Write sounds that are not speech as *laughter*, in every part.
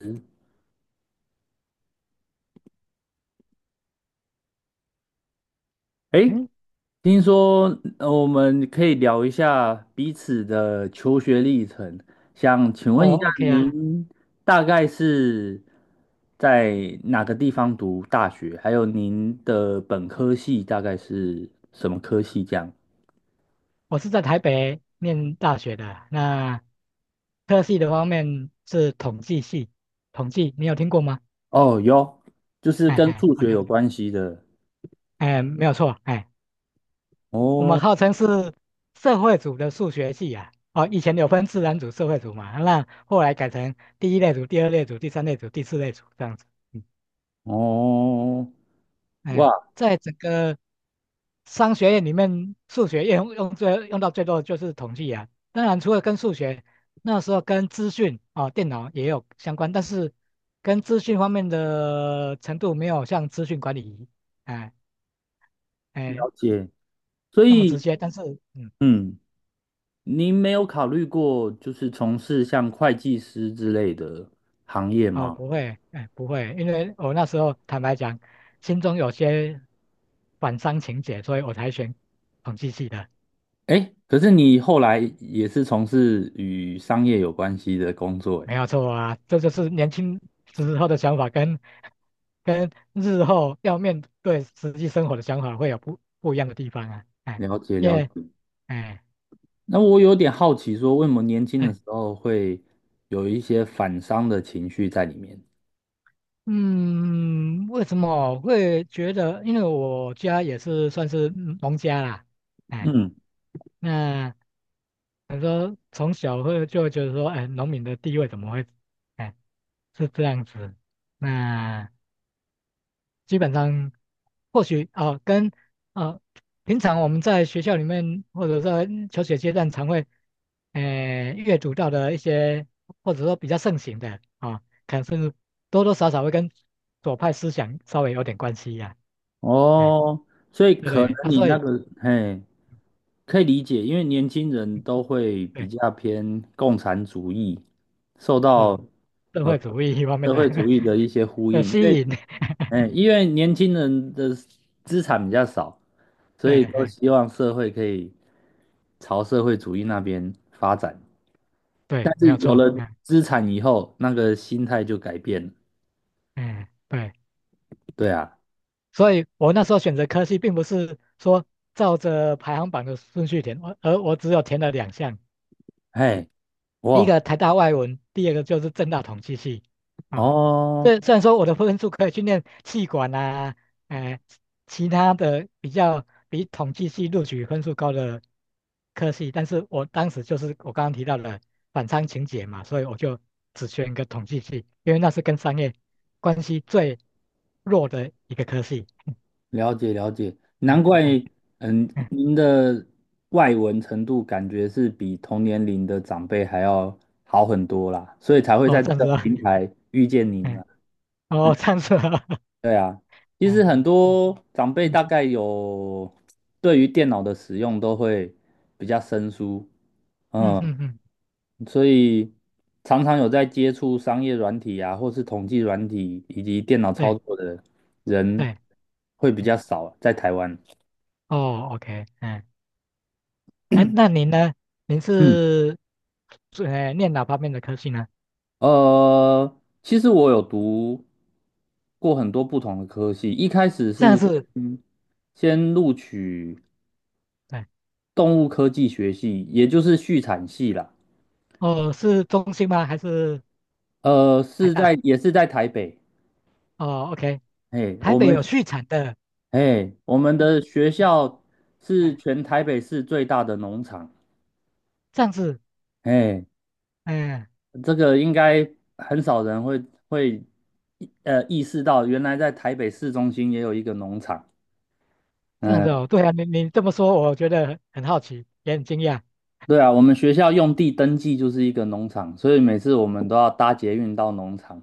嗯，诶，嗯，听说我们可以聊一下彼此的求学历程，想请问一哦下，OK 啊，您大概是在哪个地方读大学？还有您的本科系大概是什么科系？这样我是在台北念大学的，那特系的方面是统计系，统计你有听过吗？哦，有，就是哎跟哎数学，OK，有关系的。哎，没有错，哎，我们哦号称是社会组的数学系啊，哦，以前有分自然组、社会组嘛，那后来改成第一类组、第二类组、第三类组、第四类组这样子，哦，哎，哇，在整个商学院里面，数学用到最多的就是统计啊。当然，除了跟数学，那时候跟资讯啊、电脑也有相关，但是跟资讯方面的程度没有像资讯管理，哎哎了解。所那么直以，接。但是，嗯，嗯。您没有考虑过就是从事像会计师之类的行业哦，吗？不会，哎，不会，因为我那时候坦白讲，心中有些反商情结，所以我才选统计系的。哎，可是你后来也是从事与商业有关系的工作，没哎，有错啊，这就是年轻时候的想法跟日后要面对实际生活的想法会有不一样的地方啊，哎，了解因了解。为哎那我有点好奇，说为什么年轻的哎时候会有一些反商的情绪在里面？嗯，为什么我会觉得？因为我家也是算是嗯农家啦，哎，嗯，那你说从小会就会觉得说，哎，农民的地位怎么会，哎，是这样子，那。基本上或许啊、跟啊，平常我们在学校里面或者在求学阶段常会，呃，阅读到的一些或者说比较盛行的啊、可能甚至多多少少会跟左派思想稍微有点关系呀、哎，哦，所以对不可能对？啊，你所那以个，嘿，可以理解，因为年轻人都会比对，较偏共产主义，受是到。社会呃。主义方面社的 会主 *laughs* 义的一些呼的应，因吸为，引，嗯，因为年轻人的资产比较少，所以对，都哎，希望社会可以朝社会主义那边发展。对，但没是有有错，了哎，资产以后，那个心态就改变了。哎，对。对啊，所以我那时候选择科系，并不是说照着排行榜的顺序填，我只有填了2项，嘿，第一哇，个台大外文，第二个就是政大统计系。啊，哦，虽然说我的分数可以去念气管啊，哎、其他的比较比统计系录取分数高的科系，但是我当时就是我刚刚提到的反常情节嘛，所以我就只选一个统计系，因为那是跟商业关系最弱的一个科系。*laughs* 了解了解，难嗯怪，嗯嗯。嗯，您的外文程度感觉是比同年龄的长辈还要好很多啦，所以才会哦，在这站个着啊，平台遇见您嗯，啊。哦，站着啊，对啊，*laughs* 其实嗯很多长辈嗯大概有对于电脑的使用都会比较生疏，嗯嗯，嗯嗯，所以常常有在接触商业软体啊，或是统计软体以及电脑操对作的人对，会比嗯，较少，在台湾。哦，OK，嗯，哎，那您呢？您嗯，是念哪方面的科系呢？呃，其实我有读过很多不同的科系，一开始这样是是，先先录取对，动物科技学系，也就是畜产系啦。哦，是中兴吗？还是呃，台是大？在也是在台北，哦，OK，哎，台我北们有续产的，哎，我们嗯的学嗯，校是哎，全台北市最大的农场，这样子，哎，嗯，这个应该很少人会会意识到，原来在台北市中心也有一个农场。这样子嗯，哦，对啊，你你这么说，我觉得很好奇，也很惊讶。对啊，我们学校用地登记就是一个农场，所以每次我们都要搭捷运到农场，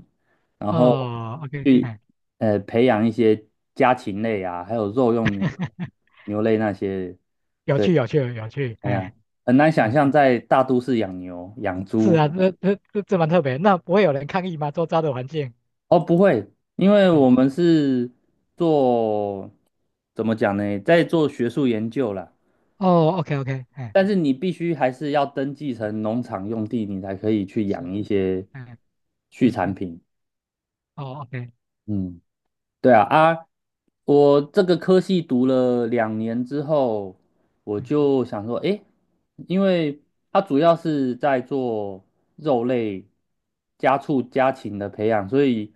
然后哦，OK，去哎，呃培养一些家禽类啊，还有肉用牛类那些。有趣，有趣，有趣，哎呀，哎。很难想嗯象在大都市养牛、养是啊，猪。这蛮特别。那不会有人抗议吗？周遭的环境？哦，不会，因为哎，我们是做，怎么讲呢，在做学术研究啦。哦，OK OK，哎，但是你必须还是要登记成农场用地，你才可以去养是，一些哎，畜嗯，产品。哦，OK，嗯，对啊，啊，我这个科系读了两年之后，我嗯就想说，诶，因为它主要是在做肉类、家畜、家禽的培养，所以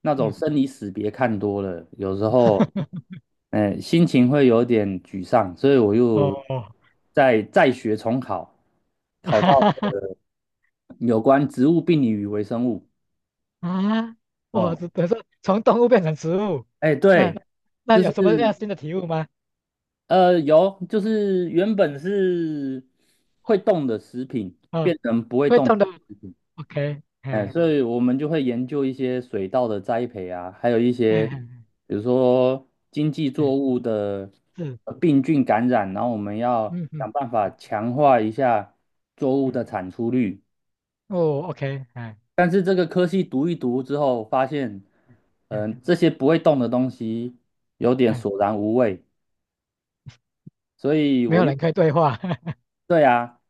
那种嗯，生离死别看多了，有时候，*laughs* 嗯、心情会有点沮丧，所以我又哦，再学重考，*laughs* 考哈到哈哈有关植物病理与微生物。啊，我哦，只等于说从动物变成植物，哎，对，那那就有是什么样新的体悟吗？呃，有，就是原本是会动的食品，嗯，会动的，OK，哎，嗯哎，所以我们就会研究一些水稻的栽培啊，还有一哎些哎比如说经济哎，作物的是，呃病菌感染，然后我们要嗯想嗯办法强化一下作物嗯，的产出率。哦，OK，哎但是这个科系读一读之后，发现，哎嗯、这些不会动的东西有点哎，索然无味，所以没我有又人可以对话，*laughs* 对啊。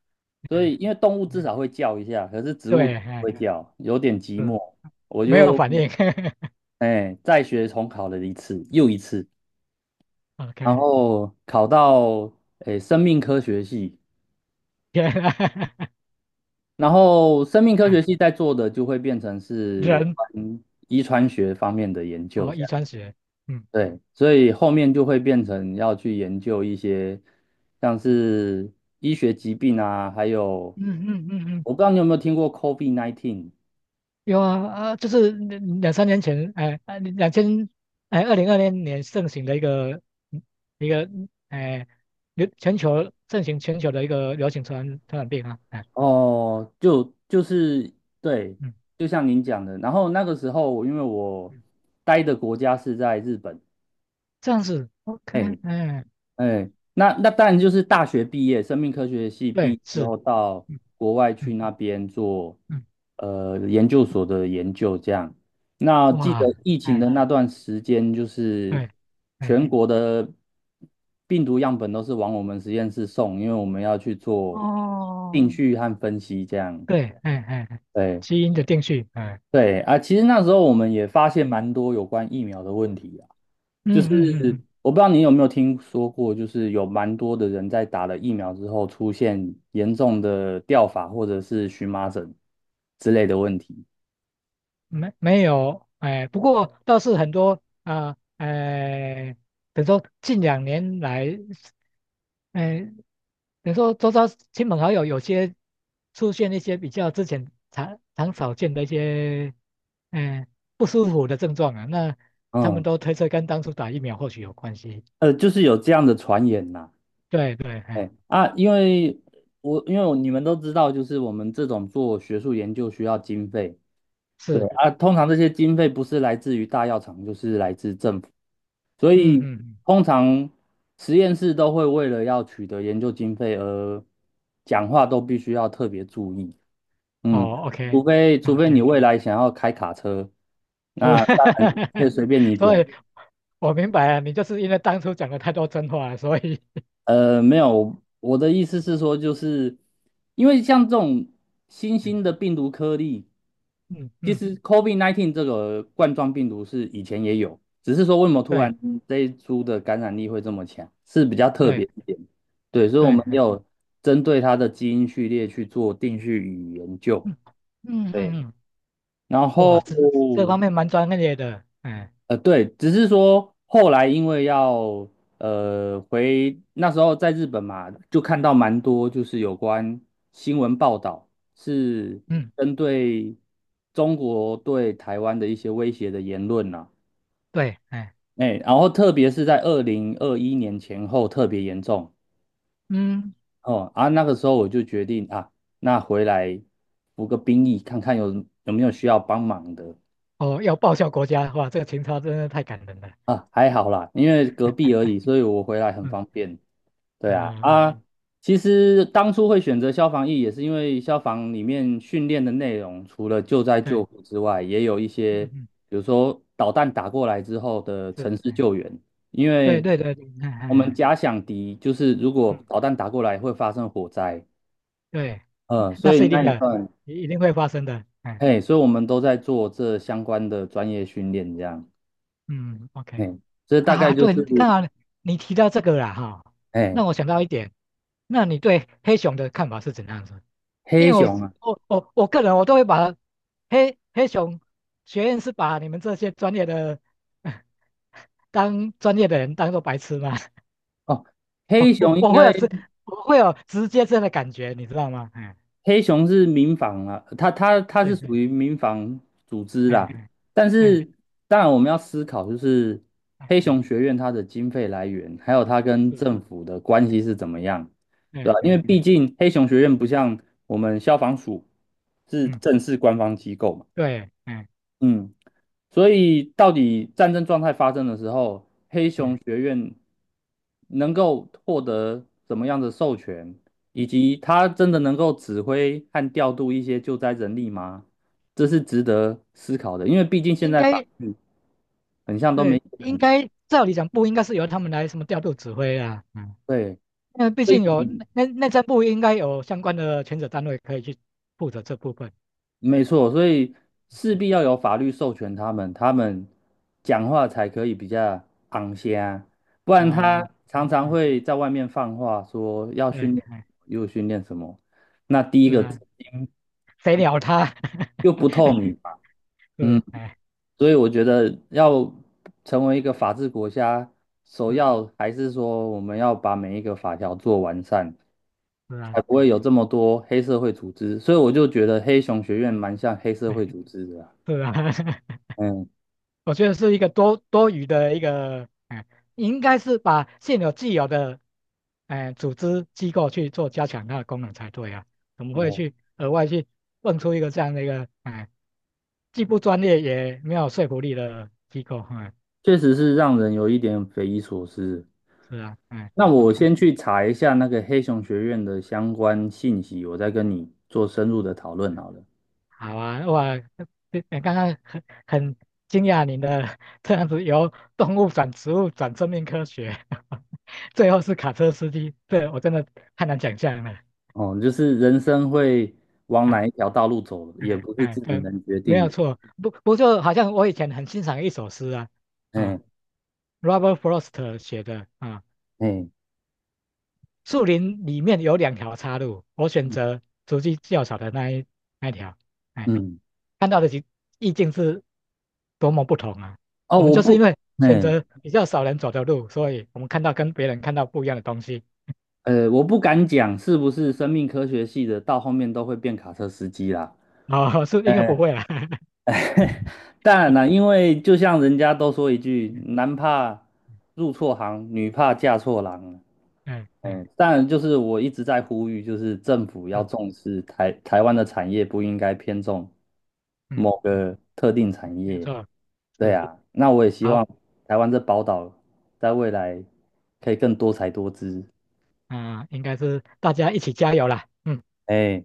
哎所哎以因为动物至少会叫一下，可是植物不对，哎会哎叫，有点寂是寞。我没有就反应。*laughs* 哎再学重考了一次，又一次，然 OK，后考到哎生命科学系，*laughs* 天啊，*laughs* 然后生命科学系哎在做的就会变成是有人关遗传学方面的研究，哦，这遗样传学，嗯对，所以后面就会变成要去研究一些像嗯是医学疾病啊，还有嗯嗯嗯，嗯，我不知道你有没有听过 COVID-19。有啊啊，就是两三年前，哎，啊哎，2020年盛行的一个一个哎，流全球盛行全球的一个流行传染病啊，哎，哦，就就是对，嗯就像您讲的，然后那个时候，因为我嗯，待的国家是在日本，这样子，OK，哎哎，哎，那那当然就是大学毕业，生命科学系毕对，业之是，后到嗯国外去嗯那边做嗯，呃研究所的研究，这样。那记得哇，疫情哎的那段时间，就是对，哎全国的病毒样本都是往我们实验室送，因为我们要去做哦，定序和分析，这样。对，哎哎，哎对。基因的定序，哎，对啊，其实那时候我们也发现蛮多有关疫苗的问题啊。嗯嗯嗯嗯。我不知道你有没有听说过，就是有蛮多的人在打了疫苗之后出现严重的掉发或者是荨麻疹之类的问题。没没有，哎，不过倒是很多啊，哎，等于说近2年来，哎，等于说周遭亲朋好友有些出现一些比较之前常常少见的一些，哎，不舒服的症状啊，那他们嗯，都推测跟当初打疫苗或许有关系。呃，就是有这样的传言呐、对对，哎，哎啊，因为我你们都知道，就是我们这种做学术研究需要经费，对是，啊，通常这些经费不是来自于大药厂，就是来自政府，所嗯嗯，以嗯通常实验室都会为了要取得研究经费而讲话都必须要特别注意，嗯，哦除，OK 非除非你 OK，未来想要开卡车，是，那大家可以 *laughs* 随便你所讲，以我明白了，你就是因为当初讲了太多真话了，所以。呃，没有，我的意思是说，就是因为像这种新嗯兴的病毒颗粒，嗯。其嗯实 COVID-19 这个冠状病毒是以前也有，只是说为什么突对然嗯这一株的感染力会这么强，是比较特别对一点。对，所以我对，们哎，有针对它的基因序列去做定序与研究。嗯嗯嗯对，嗯，然哇，后这这方面蛮专业的，哎，呃，对，只是说后来因为要呃回那时候在日本嘛，就看到蛮多就是有关新闻报道是嗯，针对中国对台湾的一些威胁的言论呐、对，哎，哎，然后特别是在2021年前后特别严重嗯，哦啊，那个时候我就决定啊，那回来服个兵役，看看有没有需要帮忙的哦，要报效国家，哇，这个情操真的太感人了，啊，还好啦，因为隔壁而已，所以我回来很嗯方便。对啊，嗯，哎啊，嗯其实当初会选择消防役，也是因为消防里面训练的内容，除了救灾对，救护之外，也有一些，嗯嗯，比如说导弹打过来之后的是，城市哎，救援，因对为对对，嗯嗯我们嗯，假想敌就是如果嗯，导弹打过来会发生火灾，对，嗯，所那以是一那定一的，段，一定会发生的，哎，嘿，所以我们都在做这相关的专业训练，这样，嗯，OK，嘿，这大概啊，就是，对，刚好你提到这个了哈，嘿，让我想到一点，那你对黑熊的看法是怎样子？因黑为我熊啊，我我我个人我都会把黑熊学院是把你们这些专业的 *laughs* 当专业的人当做白痴嘛，哦，*laughs* 黑我熊应我会该。有直我会有直接这样的感觉，你知道吗？嗯，黑熊是民防啊，它是对属对，于民防组织嗯啦。嗯但嗯是，当然我们要思考，就是嗯黑嗯，熊学院它的经费来源，还有它跟是，政府的关系是怎么样，对嗯吧？因为嗯毕嗯竟黑熊学院不嗯像我们消防署是嗯，正式官方机构嘛，对，嗯嗯。所以，到底战争状态发生的时候，黑熊嗯，学院能够获得怎么样的授权，以及它真的能够指挥和调度一些救灾人力吗？这是值得思考的，因为毕竟现应在法该律很像都没对，写得应很该照理讲不应该是由他们来什么调度指挥啊，嗯，对，那毕所竟有以内政部应该有相关的权责单位可以去负责这部分。没错，所以势必要有法律授权他们，他们讲话才可以比较昂些不然嗯哦，他常嗯常嗯会在外面放话说要对，训练，哎，又训练什么，那第一是个啊，谁鸟他？又 *laughs* 不透明嘛，是，嗯，哎，所以我觉得要成为一个法治国家，首是要还是说我们要把每一个法条做完善，是才啊，不会哎有这么多黑社会组织，所以我就觉得黑熊学院哎蛮像黑社会哎，组织的啊，是啊，*laughs* 嗯。我觉得是一个多余的一个，哎，应该是把现有既有的，哎，组织机构去做加强它的功能才对啊，怎么会嗯去额外去蹦出一个这样的一个，哎，既不专业也没有说服力的机构？哎，确实是让人有一点匪夷所思。是啊，哎那我，OK。先去查一下那个黑熊学院的相关信息，我再跟你做深入的讨论好了。好啊，哇，这刚刚很惊讶您的这样子由动物转植物转生命科学，*laughs* 最后是卡车司机，这我真的太难想象了。哦，就是人生会往哪哎一条道路走，也哎不是哎，自己对，能决没定有的。错，不就好像我以前很欣赏一首诗啊啊哎，Robert Frost 写的啊，哎树林里面有两条岔路，我选嗯择足迹较少的那一条。哎嗯，看到的意境是多么不同啊！哦，我们我就是因不，为选哎择比较少人走的路，所以我们看到跟别人看到不一样的东西。呃，我不敢讲是不是生命科学系的到后面都会变卡车司机啦。哦，*laughs* 是应该不哎，会啦。*laughs* 当然啦，因为就像人家都说一句，嗯男怕入错行，女怕嫁错郎。嗯嗯，嗯，当然就是我一直在呼吁，就是政府要是重视台湾的产业，不应该偏重嗯某嗯，个特定产没业。错，对是啊，那我也希好，望台湾这宝岛在未来可以更多才多姿。嗯、应该是大家一起加油啦。嗯。哎。